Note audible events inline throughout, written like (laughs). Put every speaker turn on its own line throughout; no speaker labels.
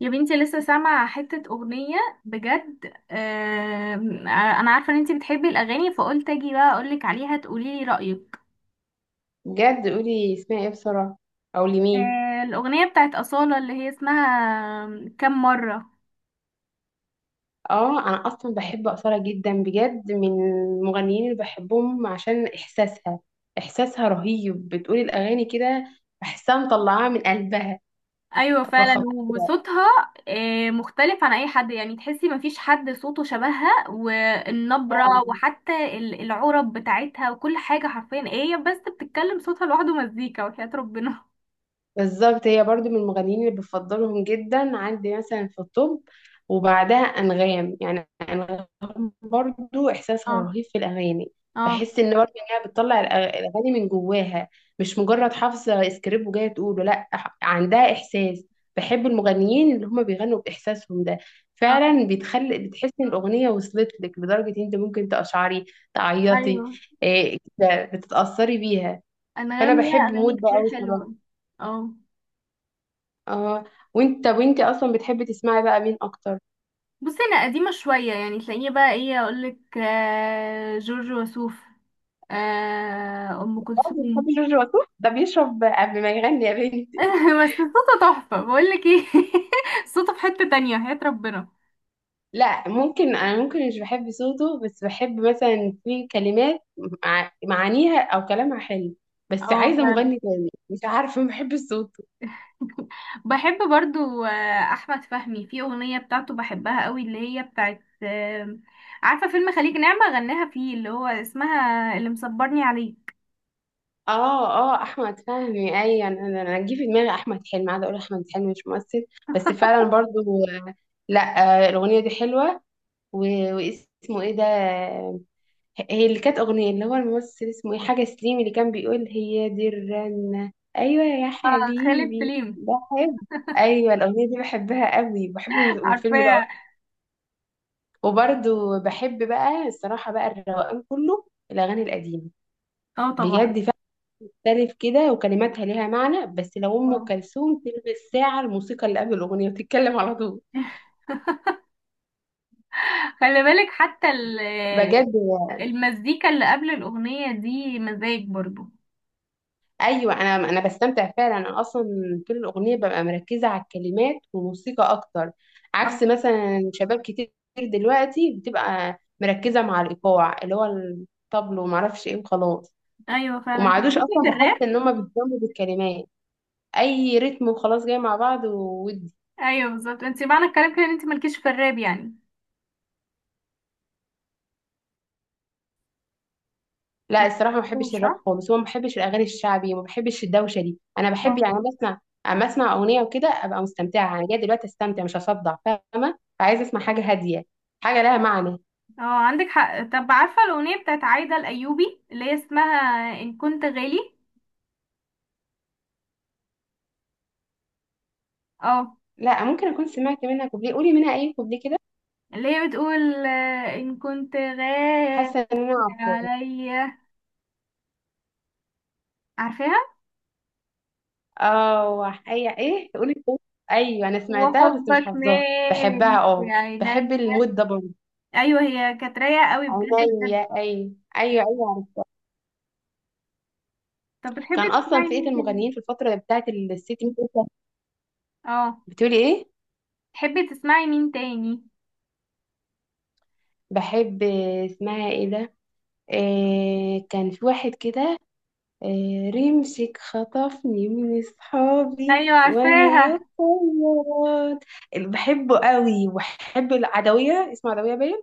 يا بنتي لسه سامعة حتة أغنية بجد. أنا عارفة إن أنتي بتحبي الأغاني، فقلت أجي بقى أقولك عليها تقوليلي رأيك.
بجد قولي اسمها ايه بسرعة، او لمين.
الأغنية بتاعت أصالة اللي هي اسمها كم مرة.
اه، انا اصلا بحب اصالة جدا، بجد من المغنيين اللي بحبهم عشان احساسها. احساسها رهيب، بتقولي الاغاني كده بحسها مطلعاها من قلبها،
أيوة فعلا،
فخطيرة
وصوتها مختلف عن أي حد، يعني تحسي مفيش حد صوته شبهها، والنبرة
فعلا.
وحتى العرب بتاعتها وكل حاجة. حرفيا إيه هي؟ بس بتتكلم صوتها لوحده مزيكا وحياة ربنا.
بالظبط، هي برضو من المغنيين اللي بفضلهم جدا عندي مثلا في الطب. وبعدها أنغام، يعني أنغام برضو إحساسها
اه.
رهيب في الأغاني.
اه.
بحس إن برضو إنها بتطلع الأغاني من جواها، مش مجرد حافظة سكريبت وجاية تقوله. لأ عندها إحساس. بحب المغنيين اللي هما بيغنوا بإحساسهم ده،
اه.
فعلا بتخلي بتحس إن الأغنية وصلت لك لدرجة إن أنت ممكن تقشعري،
ايوه،
تعيطي. إيه، كده بتتأثري بيها.
انغام
فأنا
ليها
بحب
اغاني
مود ده
كتير
أوي صراحة.
حلوه. اه.
اه. وانت اصلا بتحبي تسمعي بقى مين اكتر؟
بصي، انا قديمه شويه، يعني تلاقيني بقى ايه اقولك؟ جورج وسوف، ام
اه،
كلثوم.
بتحبي جورج وسوف؟ ده بيشرب قبل ما يغني يا بنتي.
(laughs) بس صوته تحفه، بقولك ايه، (laughs) صوته في حته تانية، حياة ربنا.
(laughs) لا، ممكن انا ممكن مش بحب صوته، بس بحب مثلا في كلمات معانيها او كلامها حلو. بس
اه
عايزه
فعلا.
مغني تاني، مش عارفه، ما بحب صوته.
(laughs) بحب برضو احمد فهمي، في اغنيه بتاعته بحبها قوي، اللي هي بتاعت عارفه فيلم خليج نعمه؟ غناها فيه، اللي هو اسمها اللي مصبرني عليه.
اه. اه، احمد فهمي، ايوه، انا انا أنا جه في دماغي احمد حلمي، قاعده اقول احمد حلمي مش ممثل. بس فعلا برضو. لا، الاغنيه دي حلوه. واسمه ايه ده؟ هي اللي كانت أغنية، اللي هو الممثل اسمه إيه، حاجة سليم، اللي كان بيقول هي دي الرنة. أيوة يا
خالد
حبيبي،
سليم.
بحب. أيوة، الأغنية دي بحبها قوي، بحب
(laughs)
الفيلم ده
عارفاه.
أكتر. وبرضه بحب بقى الصراحة بقى الروقان كله، الأغاني القديمة،
اه طبعا.
بجد فيها مختلف كده وكلماتها ليها معنى. بس لو أم
اه،
كلثوم تلبس ساعة الموسيقى اللي قبل الأغنية وتتكلم على طول.
خلي بالك حتى
بجد،
المزيكا اللي قبل الأغنية دي مزاج برضو.
ايوه، انا بستمتع فعلا. انا اصلا طول الاغنيه ببقى مركزه على الكلمات وموسيقى اكتر، عكس
اه.
مثلا شباب كتير دلوقتي بتبقى مركزه مع الايقاع اللي هو الطبل وما اعرفش ايه وخلاص.
ايوه فعلا،
وما
انت
عادوش
ليكي
اصلا
في الراب؟
بحس ان هم بيهتموا بالكلمات، اي رتم وخلاص جاي مع بعض وودي.
ايوه بالظبط، انت معنى الكلام كده ان انت مالكيش في الراب يعني. ما
لا الصراحه ما
بتحبوش،
بحبش الراب
صح؟
خالص، وما بحبش الاغاني الشعبي، وما بحبش الدوشه دي. انا بحب،
اه.
يعني أنا بسمع، اما اسمع اغنيه وكده ابقى مستمتعه. انا جايه دلوقتي استمتع مش اصدع، فاهمه؟ فعايزه اسمع حاجه هاديه، حاجه لها معنى.
اه عندك حق. طب عارفه الاغنيه بتاعت عايده الايوبي اللي هي اسمها ان كنت غالي؟ اه،
لا، ممكن اكون سمعت منها كوبليه، قولي منها اي كوبليه كده.
اللي هي بتقول ان كنت غالي
حاسه ان انا عارفاه.
عليا. عارفاها،
اه، اي ايه، قولي كوبليه. ايوه، انا سمعتها بس مش
وحبك
حافظاها. بحبها،
مالي في
اه. بحب
عيني.
المود ده برضه.
ايوه، هي كانت رايقه قوي بجد بجد.
عينيا، ايوه ايوه ايوه، عرفتها.
طب
كان
بتحبي
اصلا
تسمعي
فئه
مين تاني؟
المغنيين في الفتره بتاعت الست ميت.
اه،
بتقولي ايه؟
تحبي تسمعي مين تاني؟
بحب. اسمها ايه ده؟ إيه كان في واحد كده، إيه، رمسك خطفني من اصحابي
ايوه
وانا
عارفاها.
بصوت. بحبه قوي. وبحب العدوية، اسمها عدوية باين.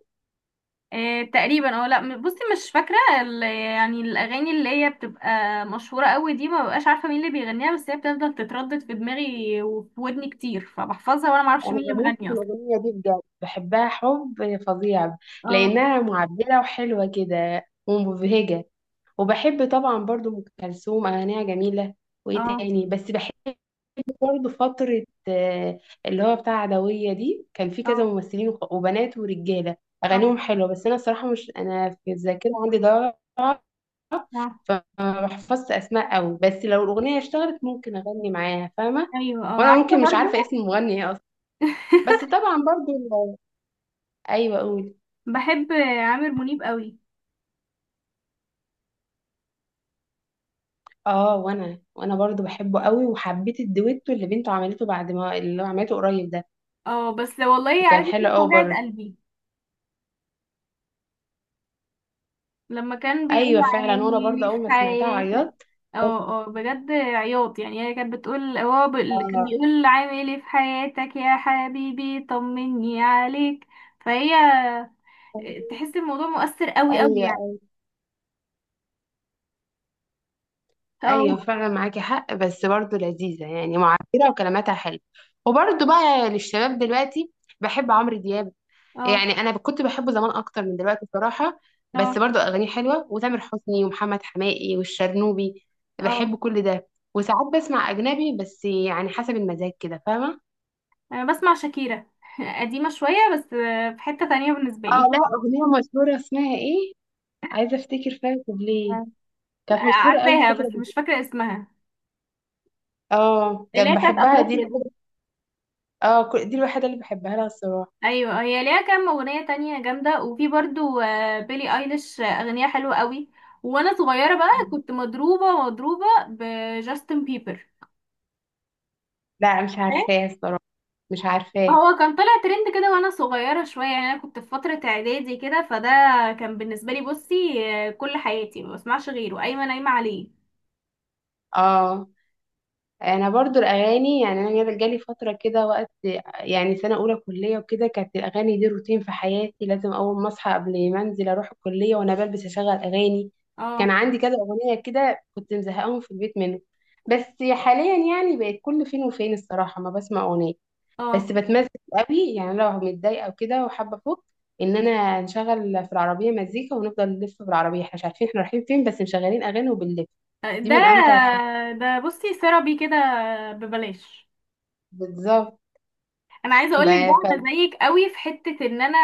إيه تقريبا. اه لا، بصي، مش فاكره يعني الاغاني اللي هي بتبقى مشهوره قوي دي ما ببقاش عارفه مين اللي بيغنيها، بس هي بتفضل تتردد في دماغي وفي ودني كتير، فبحفظها وانا ما اعرفش
انا
مين اللي
بموت
مغني
في
اصلا.
الاغنية دي بجد، بحبها حب فظيع،
اه.
لانها معبرة وحلوة كده ومبهجة. وبحب طبعا برضو ام كلثوم، اغانيها جميلة. وايه
اه.
تاني بس بحب برضه فترة اللي هو بتاع عدوية دي، كان في كذا
اه.
ممثلين وبنات ورجالة
اه.
أغانيهم حلوة. بس أنا الصراحة مش، أنا في الذاكرة عندي ضعف،
اه.
فما بحفظش أسماء أوي، بس لو الأغنية اشتغلت ممكن أغني معاها، فاهمة؟
ايوه. اه
وأنا
عارفه
ممكن مش
برضو.
عارفة اسم المغني إيه أصلا. بس
(laughs)
طبعا برضه أيوه أقول.
بحب عامر منيب قوي.
اه، وانا برضو بحبه قوي، وحبيت الدويتو اللي بنته عملته بعد ما اللي هو عملته قريب ده،
اه، بس والله
كان
عايزه
حلو
اقول لك
قوي
وجعت
برضه.
قلبي لما كان بيقول
ايوه فعلا، وانا
عيني
برضه
لي في
اول ما سمعتها
حياتك.
عيطت.
اه اه، بجد عياط، يعني هي كانت بتقول، هو اللي كان بيقول عامل ايه في حياتك يا حبيبي طمني عليك، فهي
ايوه.
تحس الموضوع مؤثر قوي قوي
ايوه
يعني. اه.
ايوه فعلا معاكي حق، بس برضه لذيذه يعني، معبره وكلماتها حلوه. وبرضه بقى للشباب دلوقتي، بحب عمرو دياب. يعني
اه.
انا كنت بحبه زمان اكتر من دلوقتي بصراحه، بس
اه.
برضه اغانيه حلوه. وتامر حسني ومحمد حماقي والشرنوبي،
اه.
بحب كل ده. وساعات بسمع اجنبي بس، يعني حسب المزاج كده، فاهمه؟
انا بسمع شاكيرا. (laughs) قديمة شوية بس، في حتة تانية بالنسبة
اه
لي.
لا، اغنيه مشهوره، اسمها ايه؟ عايزه افتكر فيها ليه.
أه،
كانت مشهوره قوي
عارفاها
الفتره
بس
دي.
مش فاكرة اسمها،
اه،
اللي
كان
هي بتاعت
بحبها دي.
افريقيا دي.
اه دي الوحيدة اللي بحبها لها الصراحة.
ايوه، هي ليها كام اغنيه تانية جامده، وفي برضو بيلي ايليش، اغنيه حلوه قوي. وانا صغيره بقى
آه.
كنت مضروبه بجاستن بيبر.
لا، مش
إيه؟
عارفاه الصراحة. مش عارفاه.
هو كان طلع ترند كده وانا صغيره شويه، يعني انا كنت في فتره اعدادي كده، فده كان بالنسبه لي، بصي، كل حياتي ما بسمعش غيره، قايمه نايمه عليه.
اه، انا برضو الاغاني، يعني انا جالي فترة كده وقت، يعني سنة اولى كلية وكده، كانت الاغاني دي روتين في حياتي، لازم اول ما اصحى قبل ما انزل اروح الكلية وانا بلبس اشغل اغاني. كان
اه.
عندي كذا اغنية كده كنت مزهقاهم في البيت منه. بس حاليا يعني بقت كل فين وفين الصراحة ما بسمع اغنية. بس
اه.
بتمزج قوي، يعني لو متضايقه وكده وحابه افك، ان انا نشغل في العربيه مزيكا ونفضل نلف في العربيه، احنا مش عارفين احنا رايحين فين، بس مشغلين اغاني وبنلف. دي
ده
من امتع الحاجات.
ده بصي ثيرابي كده ببلاش.
بالظبط.
انا عايزه اقول لك
بقى
بقى
ف...
انا زيك قوي في حته ان انا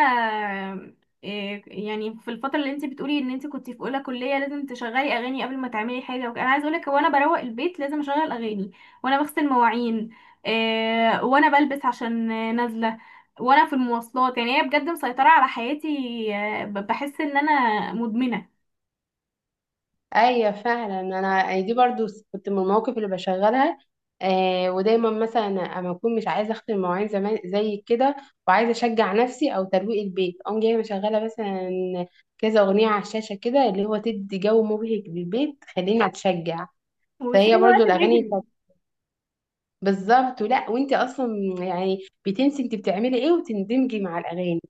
يعني في الفتره اللي انت بتقولي ان انت كنت في اولى كليه لازم تشغلي اغاني قبل ما تعملي حاجه وكده، انا عايزه اقول لك وانا بروق البيت لازم اشغل اغاني، وانا بغسل مواعين، وانا بلبس عشان نازله، وانا في المواصلات. يعني هي بجد مسيطره على حياتي. بحس ان انا مدمنه
ايوه فعلا، انا يعني دي برضو كنت من المواقف اللي بشغلها. آه، ودايما مثلا اما اكون مش عايزه اختم المواعين زمان زي كده، وعايزه اشجع نفسي او ترويق البيت، اقوم جايه مشغله مثلا كذا اغنيه على الشاشه كده، اللي هو تدي جو مبهج للبيت خليني اتشجع.
وبتلاقي
فهي
الوقت
برضو الاغاني
بيجري.
بتاعت- بالظبط، ولا وانت اصلا، يعني بتنسي انت بتعملي ايه وتندمجي مع الاغاني،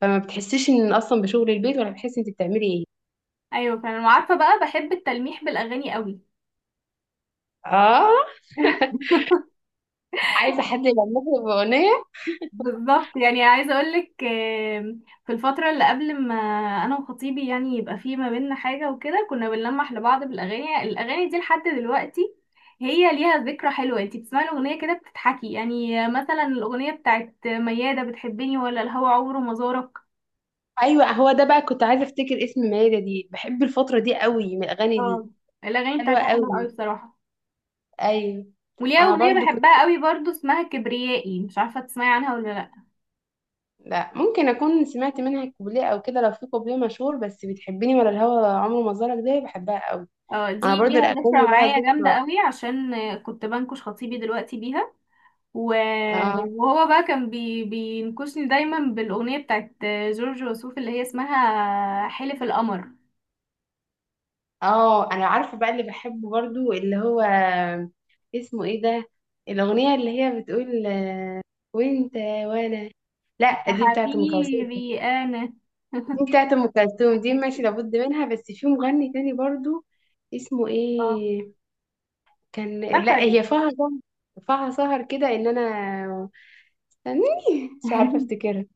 فما بتحسيش ان اصلا بشغل البيت ولا بتحسي انت بتعملي ايه.
ايوه، فانا عارفه بقى بحب التلميح بالاغاني قوي.
اه. (laughs) عايزه حد يغني باغنيه.
بالظبط، يعني عايزه اقول لك، في الفتره اللي قبل ما انا وخطيبي يعني يبقى في ما بيننا حاجه وكده، كنا بنلمح لبعض بالاغاني. الاغاني دي لحد دلوقتي هي ليها ذكرى حلوه، انتي بتسمعي الاغنيه كده بتضحكي. يعني مثلا الاغنيه بتاعت مياده بتحبني ولا الهوى عمره ما زارك.
ايوه هو ده بقى، كنت عايزه افتكر اسم مايده دي، بحب الفتره دي قوي من الاغاني دي.
اه، الاغاني
حلوه
بتاعتها حلوه قوي
قوي.
بصراحه.
ايوه.
وليها
انا
اغنيه
برضو كنت،
بحبها قوي برضو اسمها كبريائي، مش عارفه تسمعي عنها ولا لا.
لا ممكن اكون سمعت منها كوبليه او كده، لو في كوبليه مشهور، بس بتحبني ولا الهوى عمره ما زارك ده بحبها قوي.
اه،
انا
دي
برضو
ليها
الاغاني
ذكرى
لها
معايا جامده
ذكرى.
قوي، عشان كنت بنكش خطيبي دلوقتي بيها، و-
اه.
وهو بقى كان بينكشني دايما بالأغنية بتاعت جورج وسوف اللي هي اسمها حلف القمر،
اه انا عارفه بقى اللي بحبه برضو اللي هو اسمه ايه ده، الاغنيه اللي هي بتقول وانت وانا. لا،
يا
دي بتاعت ام كلثوم.
حبيبي أنا.
دي
(laughs)
بتاعت ام كلثوم دي ماشي لابد منها، بس في مغني تاني برضو اسمه
اه
ايه، كان، لا
افتكرت.
هي فيها سهر، فيها سهر كده، ان انا، استني، مش عارفه
(laughs)
افتكرها.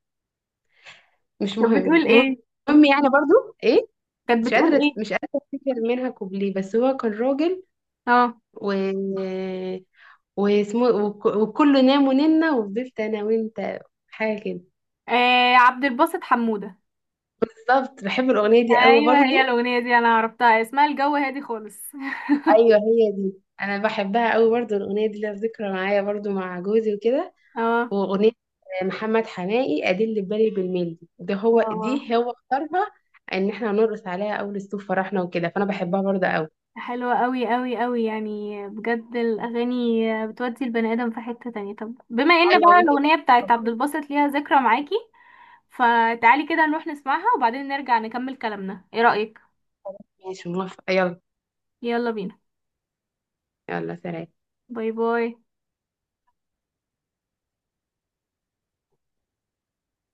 مش
كانت
مهم،
بتقول
المهم
ايه؟
يعني برضو ايه،
كانت
مش
بتقول
قادره
ايه؟
مش قادره افتكر منها كوبليه، بس هو كان راجل
اه،
و واسمه وكله نام وننا وفضلت انا وانت، حاجه كده.
عبد الباسط حمودة.
بالظبط، بحب الاغنيه دي قوي
ايوه، هي
برضو.
الأغنية دي انا عرفتها اسمها الجو هادي خالص.
ايوه هي دي. انا بحبها قوي برضو، الاغنيه دي لها ذكرى معايا برضو مع جوزي وكده.
(laughs) اه.
واغنيه محمد حماقي ادل بالي بالميل ده، هو
اه
دي هو اختارها ان احنا هنرقص عليها اول الصوف فرحنا وكده، فانا بحبها برضو قوي.
حلوة قوي قوي قوي يعني، بجد الأغاني بتودي البني آدم في حتة تانية. طب بما ان
ايوه،
بقى
وانت ده.
الأغنية بتاعت عبد الباسط ليها ذكرى معاكي، فتعالي كده نروح نسمعها وبعدين نرجع نكمل كلامنا، ايه رأيك؟
ماشي، موافقه، يلا.
يلا بينا.
يلا سلام.
باي باي.